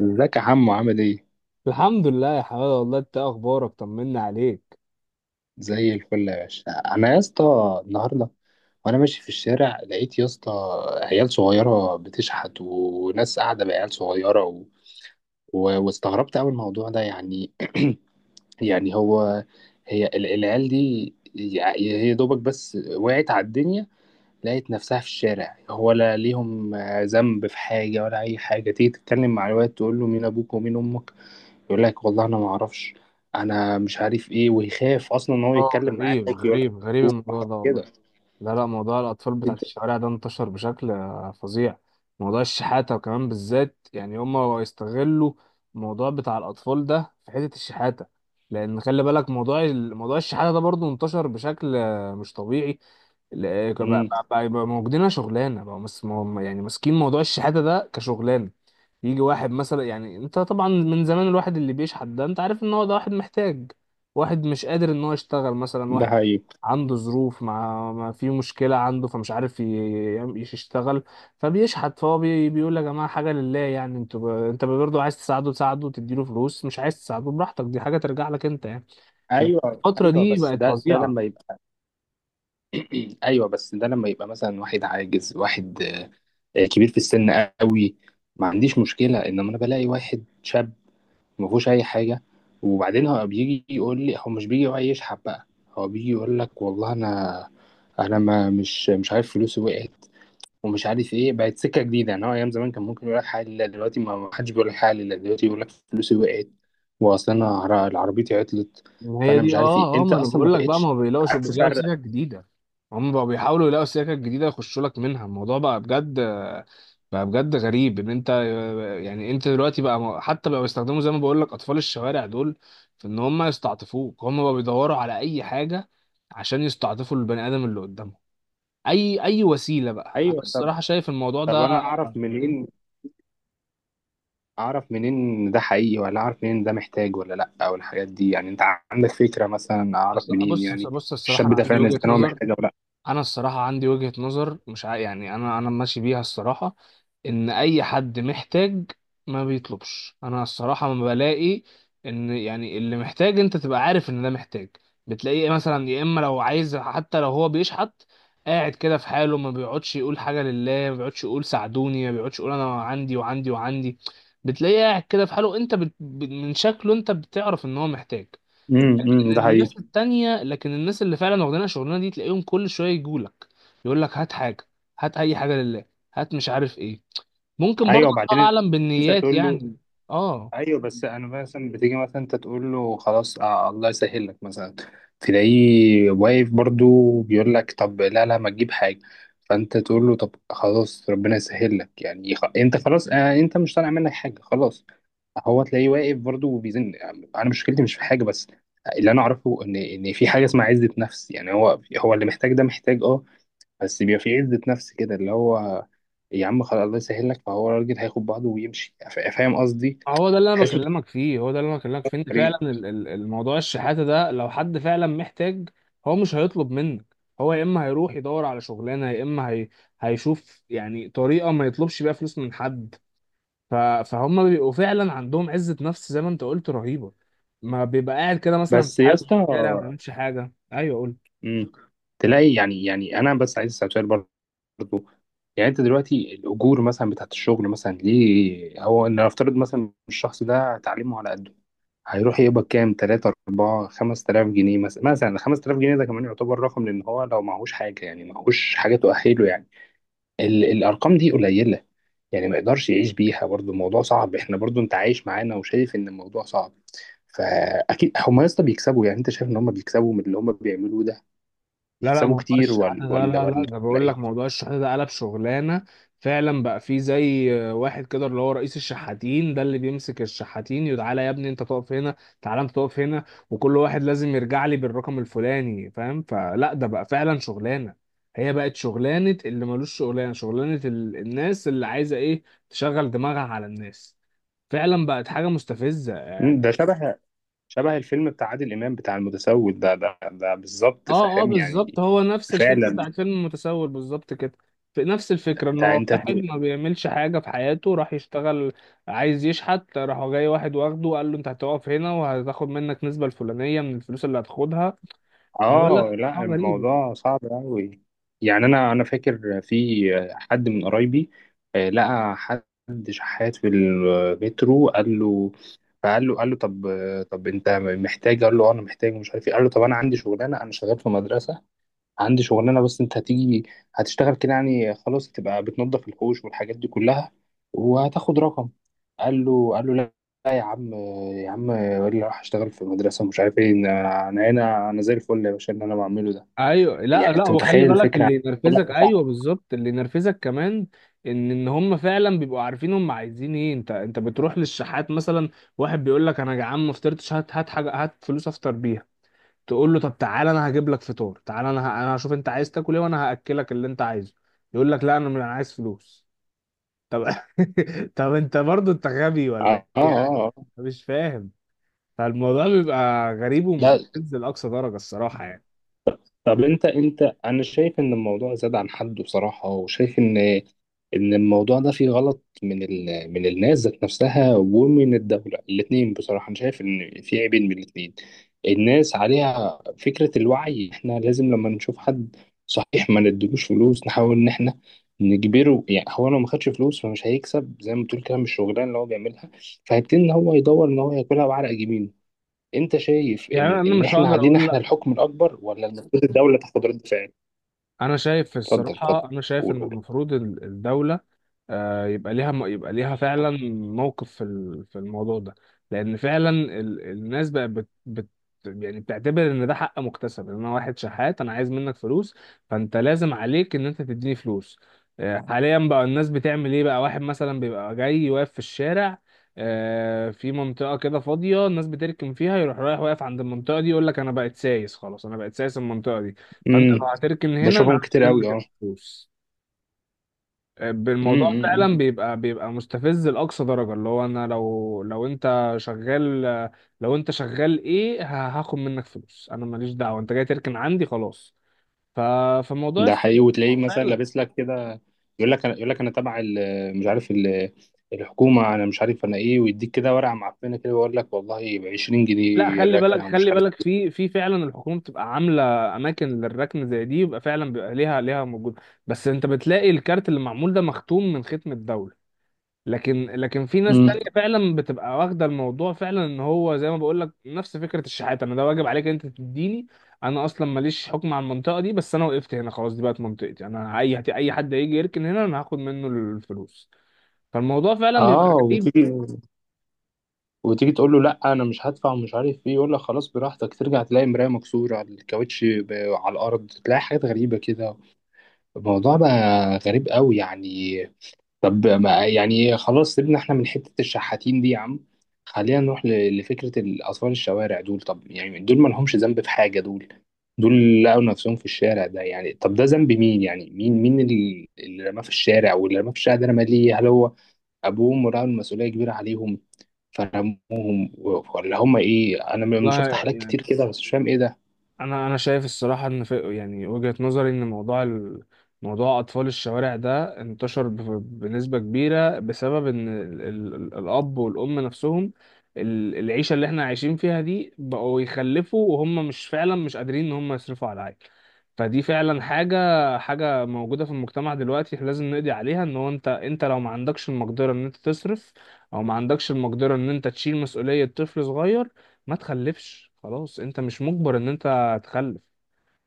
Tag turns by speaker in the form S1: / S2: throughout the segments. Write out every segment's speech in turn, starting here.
S1: ازيك يا حمو، عامل ايه؟
S2: الحمد لله يا حماده، والله انت إيه اخبارك؟ طمنا عليك.
S1: زي الفل يا باشا. انا يا اسطى النهارده وانا ماشي في الشارع لقيت، يا اسطى، عيال صغيره بتشحت، وناس قاعده بعيال صغيره، و... واستغربت قوي الموضوع ده يعني. يعني هو، هي العيال دي هي دوبك بس وقعت على الدنيا، لقيت نفسها في الشارع. هو لا ليهم ذنب في حاجه ولا اي حاجه. تيجي تتكلم مع الواد، تقول له مين ابوك ومين امك، يقول لك والله انا ما اعرفش، انا مش عارف ايه، ويخاف اصلا ان هو
S2: اه،
S1: يتكلم معاك.
S2: غريب
S1: يقول لك
S2: غريب غريب الموضوع
S1: وحاجات
S2: ده
S1: كده.
S2: والله. لا لا، موضوع الأطفال
S1: انت.
S2: بتاعت الشوارع ده انتشر بشكل فظيع. موضوع الشحاتة وكمان بالذات، يعني هما يستغلوا الموضوع بتاع الأطفال ده في حتة الشحاتة. لأن خلي بالك، موضوع الشحاتة ده برضه انتشر بشكل مش طبيعي. لا- بقى
S1: امم
S2: بقى- بقى بقى موجودين شغلانة، بقى يعني ماسكين موضوع الشحاتة ده كشغلانة. يجي واحد مثلا، يعني انت طبعا من زمان الواحد اللي بيشحت ده انت عارف ان هو ده واحد محتاج، واحد مش قادر ان هو يشتغل، مثلا
S1: ده
S2: واحد
S1: حقيقي.
S2: عنده ظروف، مع ما في مشكلة عنده فمش عارف يشتغل، فبيشحت. فهو بيقول يا جماعة حاجة لله. يعني انت برضه عايز تساعده تساعده وتديله فلوس، مش عايز تساعده براحتك، دي حاجة ترجع لك انت يعني. لكن
S1: ايوه
S2: الفترة
S1: ايوه،
S2: دي
S1: بس
S2: بقت
S1: ده
S2: فظيعة.
S1: لما يبقى. ايوه بس ده لما يبقى مثلا واحد عاجز، واحد كبير في السن قوي، ما عنديش مشكله. انما انا بلاقي واحد شاب ما فيهوش اي حاجه، وبعدين هو بيجي يقول لي، هو مش بيجي يقعد يشحب بقى، هو بيجي يقول لك والله انا، انا ما مش مش عارف فلوسي وقعت ومش عارف ايه. بقت سكه جديده يعني. هو ايام زمان كان ممكن يقول لك حاجه لله، دلوقتي ما حدش بيقول لك حاجه لله، دلوقتي يقول لك فلوسي وقعت، واصل انا عربيتي عطلت.
S2: ما هي
S1: فانا مش
S2: دي،
S1: عارف ايه،
S2: اه اه،
S1: انت
S2: ما انا
S1: اصلا ما
S2: بقول لك بقى، ما
S1: بقتش
S2: هو بيلاقوش،
S1: عارف
S2: بيلاقوا
S1: تفرق.
S2: سكك جديده. هم بقوا بيحاولوا يلاقوا سكك جديده يخشوا لك منها. الموضوع بقى بجد، بقى بجد غريب. ان انت يعني انت دلوقتي بقى حتى بقى بيستخدموا زي ما بقول لك اطفال الشوارع دول في ان هم يستعطفوك. هم بقى بيدوروا على اي حاجه عشان يستعطفوا البني ادم اللي قدامهم. اي اي وسيله بقى، انا
S1: ايوه. طب،
S2: الصراحه شايف الموضوع ده
S1: انا اعرف
S2: غريب.
S1: منين؟ اعرف منين إن ده حقيقي، ولا اعرف منين ده محتاج ولا لا، او الحاجات دي يعني؟ انت عندك فكره مثلا اعرف
S2: اصل
S1: منين
S2: بص
S1: يعني
S2: بص، الصراحه
S1: الشاب
S2: انا
S1: ده
S2: عندي
S1: فعلا اذا
S2: وجهه
S1: كان هو
S2: نظر،
S1: محتاج او لا؟
S2: انا الصراحه عندي وجهه نظر مش عا... يعني انا ماشي بيها الصراحه، ان اي حد محتاج ما بيطلبش. انا الصراحه ما بلاقي ان يعني اللي محتاج انت تبقى عارف ان ده محتاج. بتلاقيه مثلا، يا اما لو عايز حتى لو هو بيشحت، قاعد كده في حاله، ما بيقعدش يقول حاجه لله، ما بيقعدش يقول ساعدوني، ما بيقعدش يقول انا عندي وعندي وعندي. بتلاقيه قاعد كده في حاله، انت من شكله انت بتعرف ان هو محتاج.
S1: أمم، ده حقيقي.
S2: لكن الناس اللي فعلا واخدين الشغلانه دي، تلاقيهم كل شويه يجولك، يقول لك هات حاجه، هات اي حاجه لله، هات مش عارف ايه. ممكن برضه
S1: ايوه
S2: الله
S1: وبعدين
S2: اعلم
S1: انت
S2: بالنيات
S1: تقول له؟
S2: يعني. اه،
S1: ايوه بس انا مثلا بتيجي مثلا انت تقول له خلاص، الله يسهل لك مثلا، تلاقيه واقف برضو بيقول لك، طب لا لا، ما تجيب حاجه. فانت تقول له طب خلاص، ربنا يسهل لك يعني، انت خلاص، انت مش طالع منك حاجه، خلاص. هو تلاقيه واقف برضو وبيزن. انا مشكلتي مش في حاجه، بس اللي انا اعرفه ان في حاجه اسمها عزه نفس. يعني هو هو اللي محتاج ده محتاج، اه، بس بيبقى في عزه نفس كده اللي هو، يا عم خلاص الله يسهل لك، فهو الراجل هياخد بعضه ويمشي. فاهم قصدي؟
S2: هو ده اللي انا
S1: تحس.
S2: بكلمك فيه، هو ده اللي انا بكلمك فيه. ان فعلا
S1: حبيبي.
S2: الموضوع الشحاته ده، لو حد فعلا محتاج هو مش هيطلب منك. هو يا اما هيروح يدور على شغلانه، يا اما هيشوف يعني طريقه ما يطلبش بيها فلوس من حد. ف... فهم بيبقوا فعلا عندهم عزه نفس زي ما انت قلت رهيبه. ما بيبقى قاعد كده مثلا
S1: بس
S2: في
S1: يا
S2: حاله في
S1: اسطى،
S2: الشارع ما بيعملش حاجه. ايوه قول.
S1: مم، تلاقي يعني انا بس عايز اسال سؤال برضه. يعني انت دلوقتي الاجور مثلا بتاعت الشغل مثلا، ليه هو ان نفترض مثلا الشخص ده تعليمه على قده، هيروح يقبض كام؟ 3، 4، 5000 جنيه مثلا، 5000 جنيه ده كمان يعتبر رقم، لان هو لو معهوش حاجه يعني، معهوش حاجه تؤهله يعني. الارقام دي قليله يعني، ما يقدرش يعيش بيها برضو، الموضوع صعب. احنا برضو، انت عايش معانا وشايف ان الموضوع صعب. فاكيد هم يا اسطى بيكسبوا. يعني انت شايف ان هم بيكسبوا من اللي هم بيعملوه ده،
S2: لا لا،
S1: بيكسبوا
S2: موضوع
S1: كتير
S2: الشحاتة ده، لا لا، ده
S1: ولا
S2: بقول لك
S1: ايه؟
S2: موضوع الشحاتة ده قلب شغلانة فعلا. بقى فيه زي واحد كده اللي هو رئيس الشحاتين ده، اللي بيمسك الشحاتين: يتعالى يا ابني انت تقف هنا، تعالى انت تقف هنا، وكل واحد لازم يرجع لي بالرقم الفلاني، فاهم؟ فلا ده بقى فعلا شغلانة، هي بقت شغلانة اللي ملوش شغلانة. شغلانة الناس اللي عايزة ايه تشغل دماغها على الناس. فعلا بقت حاجة مستفزة يعني.
S1: ده شبه، الفيلم بتاع عادل امام بتاع المتسول ده، بالظبط،
S2: اه اه،
S1: فاهم
S2: بالظبط،
S1: يعني.
S2: هو نفس الفكرة
S1: فعلا.
S2: بتاعت فيلم المتسول بالظبط كده. في نفس الفكرة ان
S1: ده
S2: هو
S1: انت.
S2: واحد ما بيعملش حاجة في حياته، راح يشتغل، عايز يشحت، راح جاي واحد واخده وقال له انت هتقف هنا وهتاخد منك نسبة الفلانية من الفلوس اللي هتاخدها. فلا
S1: اه
S2: لا
S1: لا،
S2: غريب.
S1: الموضوع صعب قوي. يعني انا فاكر في حد من قرايبي، لقى حد شحات في المترو، قال له طب، طب انت محتاج؟ قال له انا محتاج مش عارف ايه. قال له طب انا عندي شغلانه، انا شغال في مدرسه، عندي شغلانه، بس انت هتيجي هتشتغل كده يعني، خلاص تبقى بتنظف الحوش والحاجات دي كلها وهتاخد رقم. قال له لا، لا يا عم، يا عم اللي راح اشتغل في المدرسه مش عارف ايه، انا هنا، انا زي الفل يا باشا اللي انا بعمله ده.
S2: ايوه، لا
S1: يعني
S2: لا،
S1: انت
S2: وخلي
S1: متخيل
S2: بالك
S1: الفكره؟
S2: اللي
S1: بقول لك
S2: ينرفزك،
S1: اه،
S2: ايوه بالظبط، اللي ينرفزك كمان ان هم فعلا بيبقوا عارفين هم عايزين ايه. انت بتروح للشحات مثلا، واحد بيقول لك انا جعان ما فطرتش، هات هات حاجه، هات فلوس افطر بيها. تقول له طب تعالى انا هجيب لك فطار، تعالى انا هشوف انت عايز تاكل ايه وانا هاكلك اللي انت عايزه. يقول لك لا، انا مش- انا عايز فلوس. طب طب انت برضو انت غبي
S1: اه،
S2: ولا
S1: اه،
S2: ايه يعني؟
S1: آه.
S2: مش فاهم. فالموضوع بيبقى غريب
S1: لا.
S2: ومستفز لاقصى درجه الصراحه يعني.
S1: طب انت، انا شايف ان الموضوع زاد عن حده بصراحه، وشايف ان الموضوع ده فيه غلط من من الناس ذات نفسها ومن الدوله الاثنين بصراحه. انا شايف ان في عيبين من الاثنين. الناس عليها فكره الوعي، احنا لازم لما نشوف حد صحيح ما ندلوش فلوس، نحاول ان احنا نجبره. يعني هو لو ما خدش فلوس فمش هيكسب زي ما بتقول كده، مش الشغلانه اللي هو بيعملها، فهيبتدي ان هو يدور ان هو ياكلها بعرق جبينه. انت شايف
S2: يعني انا
S1: ان
S2: مش
S1: احنا
S2: هقدر
S1: علينا
S2: اقول
S1: احنا
S2: لا،
S1: الحكم الاكبر، ولا المفروض الدوله تاخد رد فعل؟
S2: انا شايف
S1: اتفضل اتفضل.
S2: الصراحه، انا شايف
S1: قول
S2: ان
S1: قول.
S2: المفروض الدوله يبقى ليها، يبقى ليها فعلا موقف في في الموضوع ده. لان فعلا الناس بقى بت يعني بتعتبر ان ده حق مكتسب، ان انا واحد شحات انا عايز منك فلوس، فانت لازم عليك ان انت تديني فلوس. حاليا بقى الناس بتعمل ايه بقى؟ واحد مثلا بيبقى جاي واقف في الشارع، في منطقة كده فاضية الناس بتركن فيها، يروح رايح واقف عند المنطقة دي يقول لك انا بقيت سايس، خلاص انا بقيت سايس المنطقة دي، فانت لو
S1: امم
S2: هتركن هنا انا
S1: بشوفهم
S2: هاخد
S1: كتير قوي،
S2: منك
S1: اه.
S2: الفلوس. بالموضوع
S1: امم
S2: فعلا بيبقى مستفز لأقصى درجة. اللي هو انا لو انت شغال، لو انت شغال ايه هاخد منك فلوس؟ انا ماليش دعوة، انت جاي تركن عندي خلاص. ف فموضوع
S1: ده
S2: الس-
S1: حقيقي. وتلاقيه مثلا
S2: فعلا،
S1: لابس لك كده، يقول لك انا تبع مش عارف الحكومه، انا مش عارف انا ايه، ويديك كده ورقه معفنه كده، ويقول لك والله ب 20
S2: لا
S1: جنيه
S2: خلي بالك،
S1: الركنه ومش
S2: خلي
S1: عارف.
S2: بالك في في فعلا الحكومة بتبقى عاملة اماكن للركن زي دي، يبقى فعلا بيبقى ليها، ليها موجود. بس انت بتلاقي الكارت اللي معمول ده مختوم من ختم الدولة. لكن في ناس
S1: امم
S2: تانية فعلا بتبقى واخدة الموضوع فعلا ان هو زي ما بقول لك نفس فكرة الشحات: انا ده واجب عليك انت تديني، انا اصلا ماليش حكم على المنطقة دي بس انا وقفت هنا خلاص، دي بقت منطقتي انا، اي اي حد هيجي يركن هنا انا هاخد منه الفلوس. فالموضوع فعلا بيبقى
S1: اه،
S2: غريب.
S1: وتيجي، تقول له لا، انا مش هدفع ومش عارف ايه، يقول لك خلاص براحتك. ترجع تلاقي مرايه مكسوره على الكاوتش، على الارض، تلاقي حاجات غريبه كده. الموضوع بقى غريب قوي يعني. طب ما يعني خلاص، سيبنا احنا من حتة الشحاتين دي يا عم، خلينا نروح لفكرة الأطفال الشوارع دول. طب يعني دول ما لهمش ذنب في حاجة. دول لقوا نفسهم في الشارع ده يعني. طب ده ذنب مين؟ يعني مين، اللي رماه في الشارع؟ واللي رماه في الشارع ده رماه ليه؟ هل هو أبوهم ورأوا المسؤولية كبيرة عليهم فرموهم، ولا هم إيه؟ أنا شفت
S2: والله
S1: حالات كتير كده بس مش فاهم إيه ده.
S2: انا شايف الصراحه ان في يعني وجهه نظري، ان موضوع موضوع اطفال الشوارع ده انتشر بنسبه كبيره بسبب ان الاب والام نفسهم، العيشه اللي احنا عايشين فيها دي بقوا يخلفوا وهم مش فعلا مش قادرين ان هم يصرفوا على العيل. فدي فعلا حاجه، حاجه موجوده في المجتمع دلوقتي إحنا لازم نقضي عليها. ان هو انت، لو ما عندكش المقدره ان انت تصرف، او ما عندكش المقدره ان انت تشيل مسؤوليه طفل صغير، ما تخلفش خلاص، انت مش مجبر ان انت هتخلف.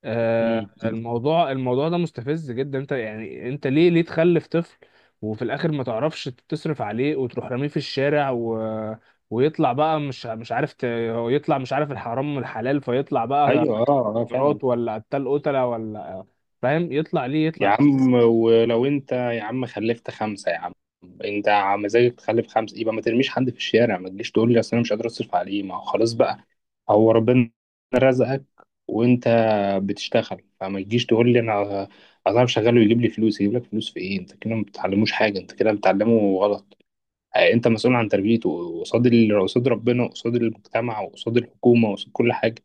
S1: مم.
S2: الموضوع، الموضوع ده مستفز جدا. انت يعني انت ليه تخلف طفل وفي الاخر ما تعرفش تصرف عليه وتروح راميه في الشارع ويطلع بقى مش عارف هو يطلع مش عارف الحرام من الحلال، فيطلع بقى ده
S1: أيوه، أه أه، فاهم.
S2: مخدرات، ولا قتال، قتلة، ولا، فاهم؟ يطلع ليه
S1: يا
S2: يطلع.
S1: عم، ولو انت يا عم خلفت خمسة يا عم، انت مزاجك تخلف خمسة، يبقى ما ترميش حد في الشارع. ما تجيش تقول لي اصل انا مش قادر اصرف عليه. ما هو خلاص بقى، هو ربنا رزقك، وانت بتشتغل، فما تجيش تقول لي انا، شغال ويجيب لي فلوس. يجيب لك فلوس في ايه؟ انت كده ما بتعلموش حاجة، انت كده بتعلمه غلط. اه، انت مسؤول عن تربيته، قصاد قصاد ربنا، قصاد المجتمع، وقصاد الحكومة، وقصاد كل حاجة.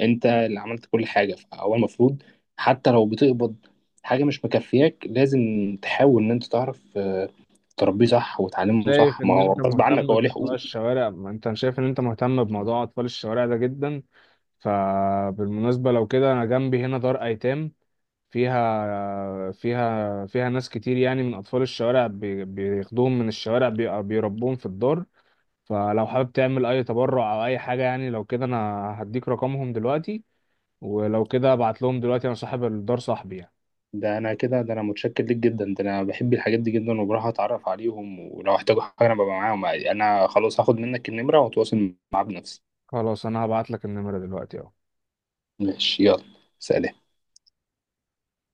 S1: انت اللي عملت كل حاجه، فهو المفروض حتى لو بتقبض حاجه مش مكفياك، لازم تحاول ان انت تعرف تربيه صح وتعلمه
S2: شايف
S1: صح، ما
S2: ان
S1: هو
S2: انت
S1: غصب عنك،
S2: مهتم
S1: هو ليه
S2: بموضوع
S1: حقوق.
S2: الشوارع، ما انت شايف ان انت مهتم بموضوع اطفال الشوارع ده جدا، فبالمناسبة لو كده انا جنبي هنا دار ايتام فيها ناس كتير يعني من اطفال الشوارع، بياخدوهم من الشوارع، بيربوهم في الدار. فلو حابب تعمل اي تبرع او اي حاجة يعني، لو كده انا هديك رقمهم دلوقتي، ولو كده ابعت لهم دلوقتي، انا صاحب الدار صاحبي يعني.
S1: ده انا متشكر ليك جدا، ده انا بحب الحاجات دي جدا، وبروح اتعرف عليهم، ولو احتاجوا حاجه انا ببقى معاهم. انا خلاص هاخد منك النمره واتواصل معاه بنفسي.
S2: خلاص انا هبعت لك النمرة دلوقتي اهو.
S1: ماشي، يلا. سلام.